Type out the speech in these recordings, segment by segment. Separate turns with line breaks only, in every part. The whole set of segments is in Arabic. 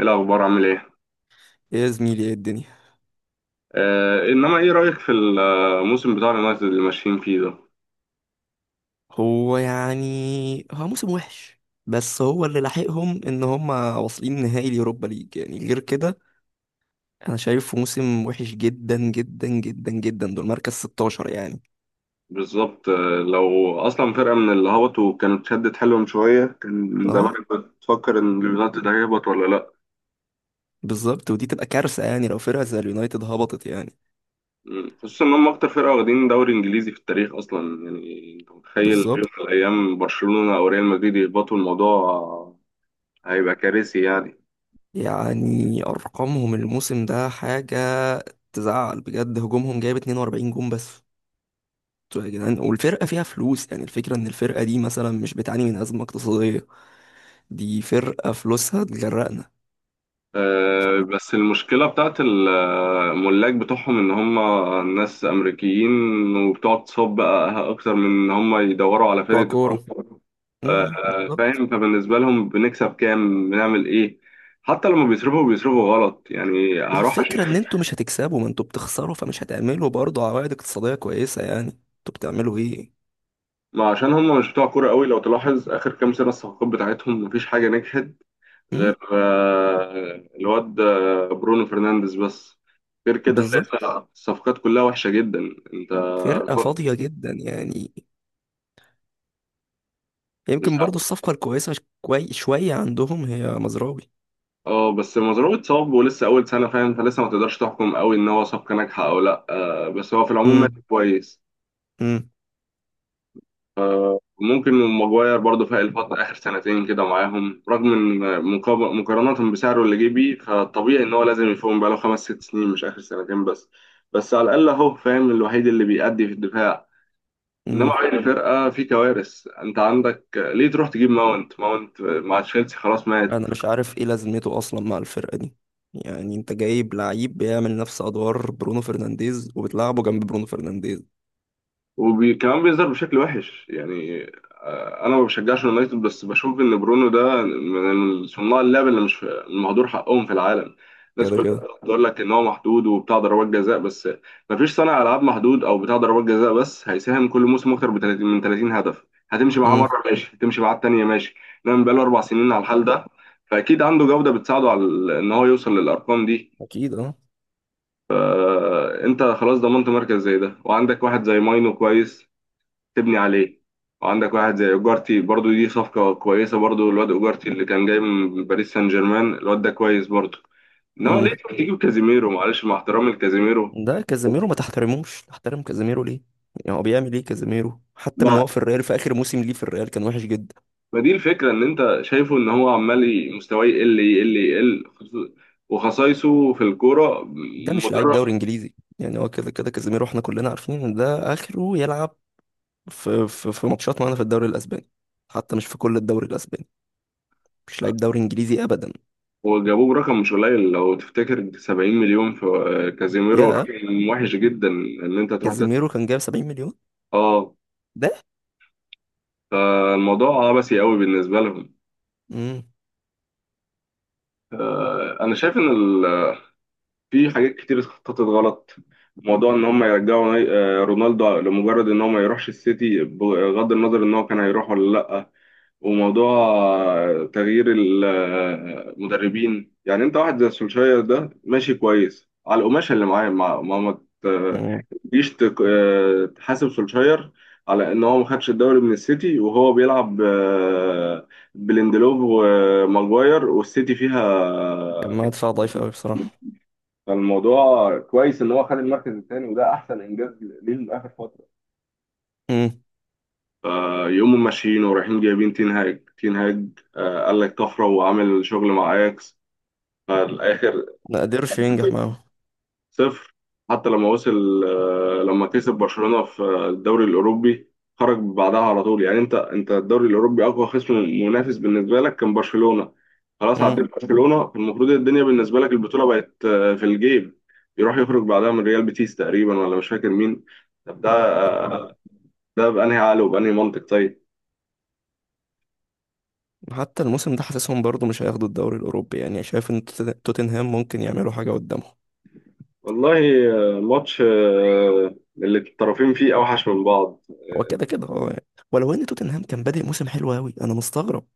ايه الاخبار عامل ايه؟
يا زميلي ايه الدنيا؟
انما ايه رايك في الموسم بتاع اليونايتد اللي ماشيين فيه ده؟
هو موسم وحش، بس هو اللي لاحقهم ان هم واصلين نهائي اليوروبا ليج، يعني غير كده انا شايفه موسم وحش جدا جدا جدا جدا. دول مركز 16 يعني.
بالظبط. لو اصلا فرقه من اللي هبطوا كانت شدت حيلهم شويه. كان من
اه
زمان كنت بتفكر ان اليونايتد هيهبط ولا لا؟
بالظبط، ودي تبقى كارثة يعني لو فرقة زي اليونايتد هبطت يعني.
مم، خصوصا ان هم اكتر فرقه واخدين دوري انجليزي في التاريخ اصلا، يعني انت متخيل في يوم
بالظبط.
من الايام برشلونه او ريال مدريد يهبطوا؟ الموضوع هيبقى كارثي يعني.
يعني ارقامهم الموسم ده حاجة تزعل بجد، هجومهم جايب 42 جون بس. انتوا يا جدعان والفرقة فيها فلوس، يعني الفكرة ان الفرقة دي مثلا مش بتعاني من أزمة اقتصادية، دي فرقة فلوسها تجرقنا.
بس المشكلة بتاعت الملاك بتوعهم إن هم ناس أمريكيين، وبتقعد تصب أكتر من إن هم يدوروا على
بتوع
فرقة
كورة.
تفوق. آه،
بالظبط.
فاهم، فبالنسبة لهم بنكسب كام، بنعمل إيه. حتى لما بيصرفوا بيصرفوا غلط يعني، هروح عشان
الفكرة ان انتوا مش هتكسبوا، ما انتوا بتخسروا، فمش هتعملوا برضه عوائد اقتصادية كويسة، يعني انتوا بتعملوا ايه؟
ما عشان هم مش بتوع كورة قوي. لو تلاحظ آخر كام سنة الصفقات بتاعتهم مفيش حاجة نجحت
امم
غير الواد برونو فرنانديز بس. غير كده
بالظبط.
تلاقي الصفقات كلها وحشة جدا. انت
فرقة فاضية جدا يعني.
مش
يمكن برضه
ه-
الصفقة الكويسة شوية عندهم هي مزراوي.
اه بس مزروع اتصاب ولسه اول سنة فاهم، فلسه ما تقدرش تحكم قوي ان هو صفقة ناجحة او لا. بس هو في العموم ماشي
امم
كويس.
امم
ممكن ماجواير برضه في الفترة آخر سنتين كده معاهم، رغم إن مقارنة بسعره اللي جه بيه، فطبيعي إن هو لازم يفهم. بقاله خمس ست سنين مش آخر سنتين بس. بس على الأقل أهو فاهم، الوحيد اللي بيأدي في الدفاع. انما
امم
عين الفرقه في كوارث، انت عندك ليه تروح تجيب ماونت؟ ماونت مع تشيلسي خلاص مات.
انا مش عارف ايه لازمته اصلا مع الفرقة دي، يعني انت جايب لعيب بيعمل نفس ادوار برونو فرنانديز وبتلعبه جنب برونو فرنانديز.
وكمان بيظهر بشكل وحش يعني. انا ما بشجعش يونايتد، بس بشوف ان برونو ده من صناع اللعب اللي مش مهدور حقهم في العالم. الناس
كده
كلها
كده.
بتقول لك ان هو محدود وبتاع ضربات جزاء بس. ما فيش صانع العاب محدود او بتاع ضربات جزاء بس هيساهم كل موسم اكتر ب 30 من 30 هدف. هتمشي معاه
امم
مره ماشي، هتمشي معاه التانيه ماشي، انما بقاله اربع سنين على الحال ده، فاكيد عنده جوده بتساعده على ان هو يوصل للارقام دي.
اكيد اه.
انت خلاص ضمنت مركز زي ده، وعندك واحد زي ماينو كويس تبني عليه، وعندك واحد زي اوجارتي برضو دي صفقة كويسة، برضو الواد اوجارتي اللي كان جاي من باريس سان جيرمان الواد ده كويس برضو. انما ليه تجيب كازيميرو؟ معلش مع احترامي لكازيميرو،
ده كازيميرو ما تحترموش، تحترم كازيميرو ليه؟ يعني هو بيعمل ايه كازيميرو؟ حتى من
ما
هو في الريال في اخر موسم ليه في الريال كان وحش جدا.
ما دي الفكرة ان انت شايفه ان هو عمال مستواه يقل يقل يقل، وخصايصه في الكورة
ده مش لعيب دوري
مدرب.
انجليزي، يعني هو كده كده كازيميرو، احنا كلنا عارفين ان ده اخره يلعب في ماتشات معانا في الدوري الاسباني، حتى مش في كل الدوري الاسباني. مش لعيب دوري انجليزي ابدا.
وجابوه برقم مش قليل لو تفتكر، 70 مليون في كازيميرو
يا
رقم وحش جدا ان انت تروح تدفع
كازيميرو كان جايب 70 مليون
اه.
ده.
فالموضوع عبثي قوي بالنسبة لهم.
امم
انا شايف ان في حاجات كتير اتخططت غلط. موضوع ان هم يرجعوا رونالدو لمجرد ان هو ما يروحش السيتي، بغض النظر ان هو كان هيروح ولا لا. وموضوع تغيير المدربين، يعني انت واحد زي سولشاير ده ماشي كويس على القماشه اللي معاه، ما ما ما ت-
امم
تجيش تك- آه، تحاسب سولشاير على ان هو ما خدش الدوري من السيتي وهو بيلعب بليندلوف وماجواير، والسيتي فيها.
كان مع دفاع ضعيف قوي بصراحه.
فالموضوع كويس ان هو خد المركز الثاني، وده احسن انجاز ليه من اخر فتره.
امم
آه يوم ماشيين ورايحين جايبين تين هاج، آه قال لك طفره وعامل شغل مع اياكس، فالاخر
ما قدرش ينجح معاهم.
صفر. حتى لما وصل لما كسب برشلونة في الدوري الأوروبي، خرج بعدها على طول. يعني أنت الدوري الأوروبي أقوى خصم منافس بالنسبة لك كان برشلونة، خلاص عديت برشلونة، المفروض الدنيا بالنسبة لك البطولة بقت في الجيب. يروح يخرج بعدها من ريال بيتيس تقريبا، ولا مش فاكر مين. طب ده
امم
آه، ده بأنهي عقل وبأنهي منطق؟ طيب.
حتى الموسم ده حاسسهم برضو مش هياخدوا الدوري الأوروبي، يعني شايف إن توتنهام ممكن يعملوا حاجة قدامهم.
والله ماتش اللي الطرفين فيه أوحش من بعض.
هو كده كده اه يعني، ولو إن توتنهام كان بادئ موسم حلو أوي، أنا مستغرب.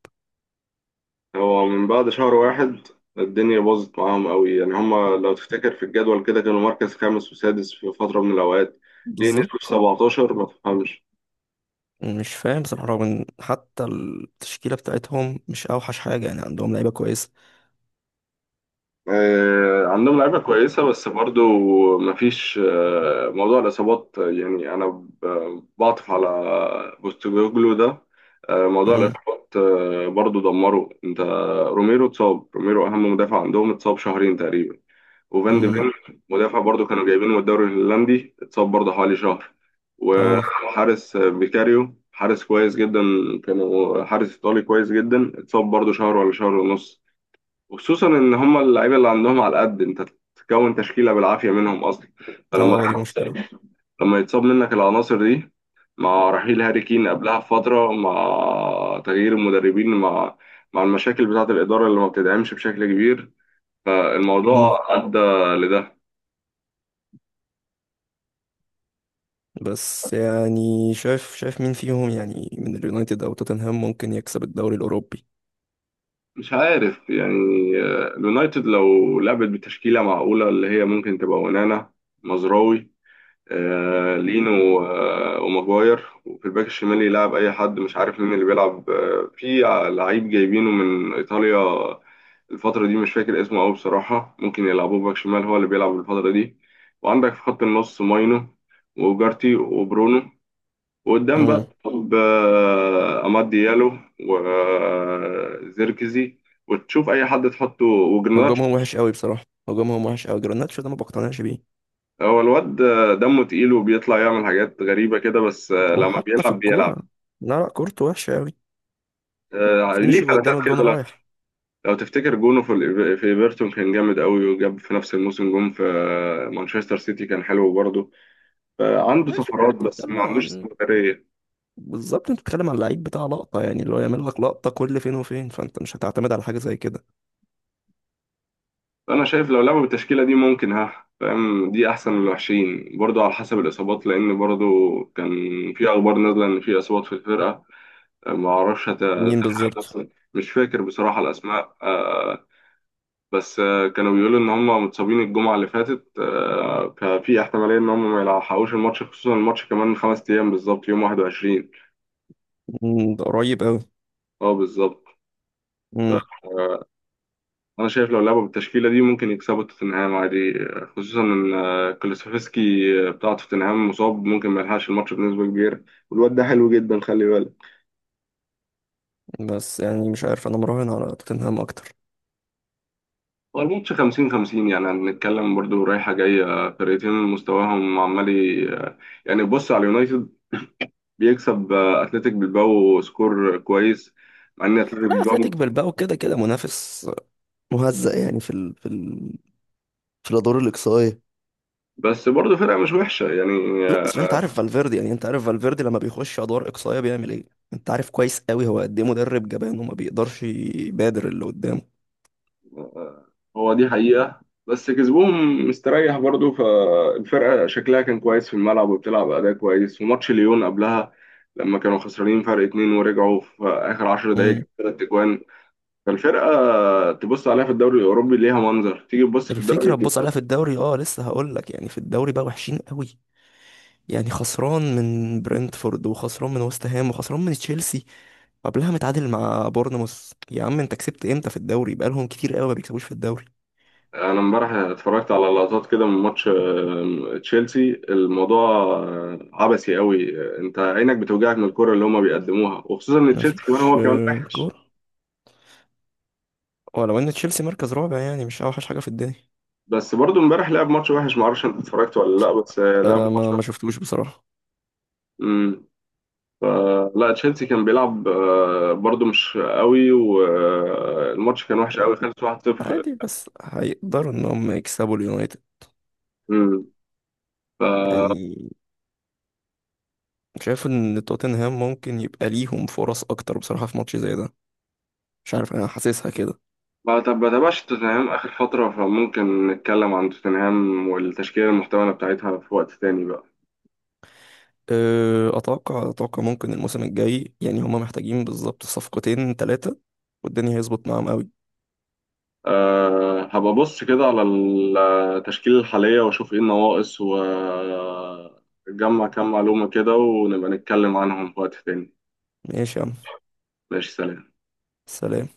هو من بعد شهر واحد الدنيا باظت معاهم قوي، يعني هما لو تفتكر في الجدول كده كانوا مركز خامس وسادس في فترة من الأوقات، ليه نزلوا في
بالظبط.
17 ما تفهمش.
مش فاهم بصراحة، رغم إن حتى التشكيلة بتاعتهم مش أوحش حاجة، يعني عندهم لعيبة كويسة.
آه عندهم لعيبة كويسة، بس برضو مفيش آه، موضوع الإصابات يعني أنا بعطف على بوستوجلو ده، آه موضوع
أمم،
الإصابات آه برضو دمره أنت. روميرو اتصاب، روميرو أهم مدافع عندهم اتصاب شهرين تقريبا. وفان دي
أمم،
فين مدافع برضو كانوا جايبينه من الدوري الهولندي اتصاب برضو حوالي شهر.
اه
وحارس بيكاريو حارس كويس جدا، كانوا حارس ايطالي كويس جدا اتصاب برضو شهر ولا شهر ونص. وخصوصا ان هم اللعيبه اللي عندهم على قد انت تكون تشكيله بالعافيه منهم اصلا.
اه،
فلما
دي مشكلة.
لما يتصاب منك العناصر دي، مع رحيل هاري كين قبلها بفتره، مع تغيير المدربين، مع المشاكل بتاعه الاداره اللي ما بتدعمش بشكل كبير،
أمم،
فالموضوع ادى لده.
بس يعني شايف شايف مين فيهم يعني من اليونايتد أو توتنهام ممكن يكسب الدوري الأوروبي؟
مش عارف يعني. اليونايتد لو لعبت بتشكيلة معقولة اللي هي ممكن تبقى ونانا، مزراوي، لينو، وماجواير، وفي الباك الشمال يلعب أي حد، مش عارف مين اللي بيلعب لعيب جايبينه من إيطاليا الفترة دي مش فاكر اسمه أوي بصراحة، ممكن يلعبوه باك شمال هو اللي بيلعب الفترة دي. وعندك في خط النص ماينو، وجارتي، وبرونو، وقدام
أمم،
بقى بأماد ديالو، وزيركزي، وتشوف أي حد تحطه وجرناتشو.
هجومهم وحش أوي بصراحة، هجومهم وحش أوي، جرناتشو ده ما بقتنعش بيه.
هو الواد دمه تقيل وبيطلع يعمل حاجات غريبة كده، بس لما
وحتى في
بيلعب بيلعب
الكورة، لا لا، كورته وحشة أوي،
ليه
فينش
فلاتات
قدام الجون
كده. لو
رايح.
لو تفتكر جونه في في ايفرتون كان جامد قوي، وجاب في نفس الموسم جون في مانشستر سيتي كان حلو برضه. عنده
ماشي، انت
سفرات بس ما
بتتكلم
عندوش
عن،
استمرارية.
بالظبط انت بتتكلم عن لعيب بتاع لقطة، يعني اللي هو يعمل لك لقطة كل فين وفين، فانت مش هتعتمد على حاجة زي كده.
انا شايف لو لعبوا بالتشكيله دي ممكن، ها فاهم، دي احسن من الوحشين، برضو على حسب الاصابات لان برضو كان في اخبار نازله ان في اصابات في الفرقه، ما اعرفش
مين
هتلحق
بالظبط؟
نفسها. مش فاكر بصراحه الاسماء، آه، بس آه، كانوا بيقولوا ان هم متصابين الجمعه اللي فاتت. ففي احتماليه ان هم ما يلحقوش الماتش، خصوصا الماتش كمان خمس ايام بالظبط يوم 21.
مم، ده قريب أوي.
اه بالظبط.
مم.
انا شايف لو لعبوا بالتشكيله دي ممكن يكسبوا توتنهام عادي، خصوصا ان كولوسيفسكي بتاع توتنهام مصاب ممكن ما يلحقش الماتش بنسبه كبيره، والواد ده حلو جدا خلي بالك.
بس يعني مش عارف، انا مراهن على توتنهام اكتر.
هو الماتش 50 50 يعني، هنتكلم برضو رايحه جايه فرقتين مستواهم عمال يعني بص على اليونايتد، بيكسب اتلتيك بالباو سكور كويس، مع ان اتلتيك
لا،
بالباو
اتلتيك بالباو كده كده منافس مهزأ، يعني في الادوار الاقصائيه.
بس برضو فرقه مش وحشه يعني.
لا بس انت عارف فالفيردي، يعني انت عارف فالفيردي لما بيخش ادوار اقصائيه بيعمل ايه، انت عارف كويس قوي هو قد ايه مدرب جبان وما بيقدرش يبادر اللي قدامه.
آه، هو دي حقيقة، بس كسبهم مستريح برضو، فالفرقة شكلها كان كويس في الملعب وبتلعب أداء كويس. وماتش ليون قبلها لما كانوا خسرانين فرق اتنين ورجعوا في آخر عشر دقايق
امم
جابوا تلات أجوان. فالفرقة تبص عليها في الدوري الأوروبي ليها منظر، تيجي تبص في الدوري
الفكره تبص عليها في
الإيطالي.
الدوري اه، لسه هقول لك، يعني في الدوري بقى وحشين قوي، يعني خسران من برنتفورد وخسران من وست هام وخسران من تشيلسي، قبلها متعادل مع بورنموث. يا عم انت كسبت امتى في الدوري؟ بقالهم كتير قوي ما بيكسبوش في الدوري.
أنا امبارح اتفرجت على لقطات كده من ماتش تشيلسي، الموضوع عبثي قوي، أنت عينك بتوجعك من الكرة اللي هما بيقدموها، وخصوصا إن تشيلسي كمان
مفيش
هو كمان وحش.
كوره، ولو ان تشيلسي مركز رابع، يعني مش اوحش حاجه في الدنيا.
بس برضو امبارح لعب ماتش وحش، معرفش انت اتفرجت ولا لا، بس لعب
أه،
ماتش
ما
وحش.
شفتوش بصراحه.
امم، لا تشيلسي كان بيلعب برضو مش قوي، والماتش كان وحش قوي خلص 1-0.
عادي، بس هيقدروا ان هم يكسبوا اليونايتد؟
امم، ف
يعني شايف ان توتنهام ممكن يبقى ليهم فرص اكتر بصراحة في ماتش زي ده، مش عارف، انا حاسسها كده.
ما تابعش توتنهام اخر فتره، فممكن نتكلم عن توتنهام والتشكيله المحتمله بتاعتها في وقت تاني بقى.
اتوقع ممكن الموسم الجاي يعني هم محتاجين بالظبط صفقتين ثلاثة، والدنيا هيظبط معاهم قوي.
أه هبقى ابص كده على التشكيله الحاليه واشوف ايه النواقص، واجمع كام معلومه كده، ونبقى نتكلم عنهم في وقت تاني.
ماشي يا عم،
ماشي، سلام.
سلام.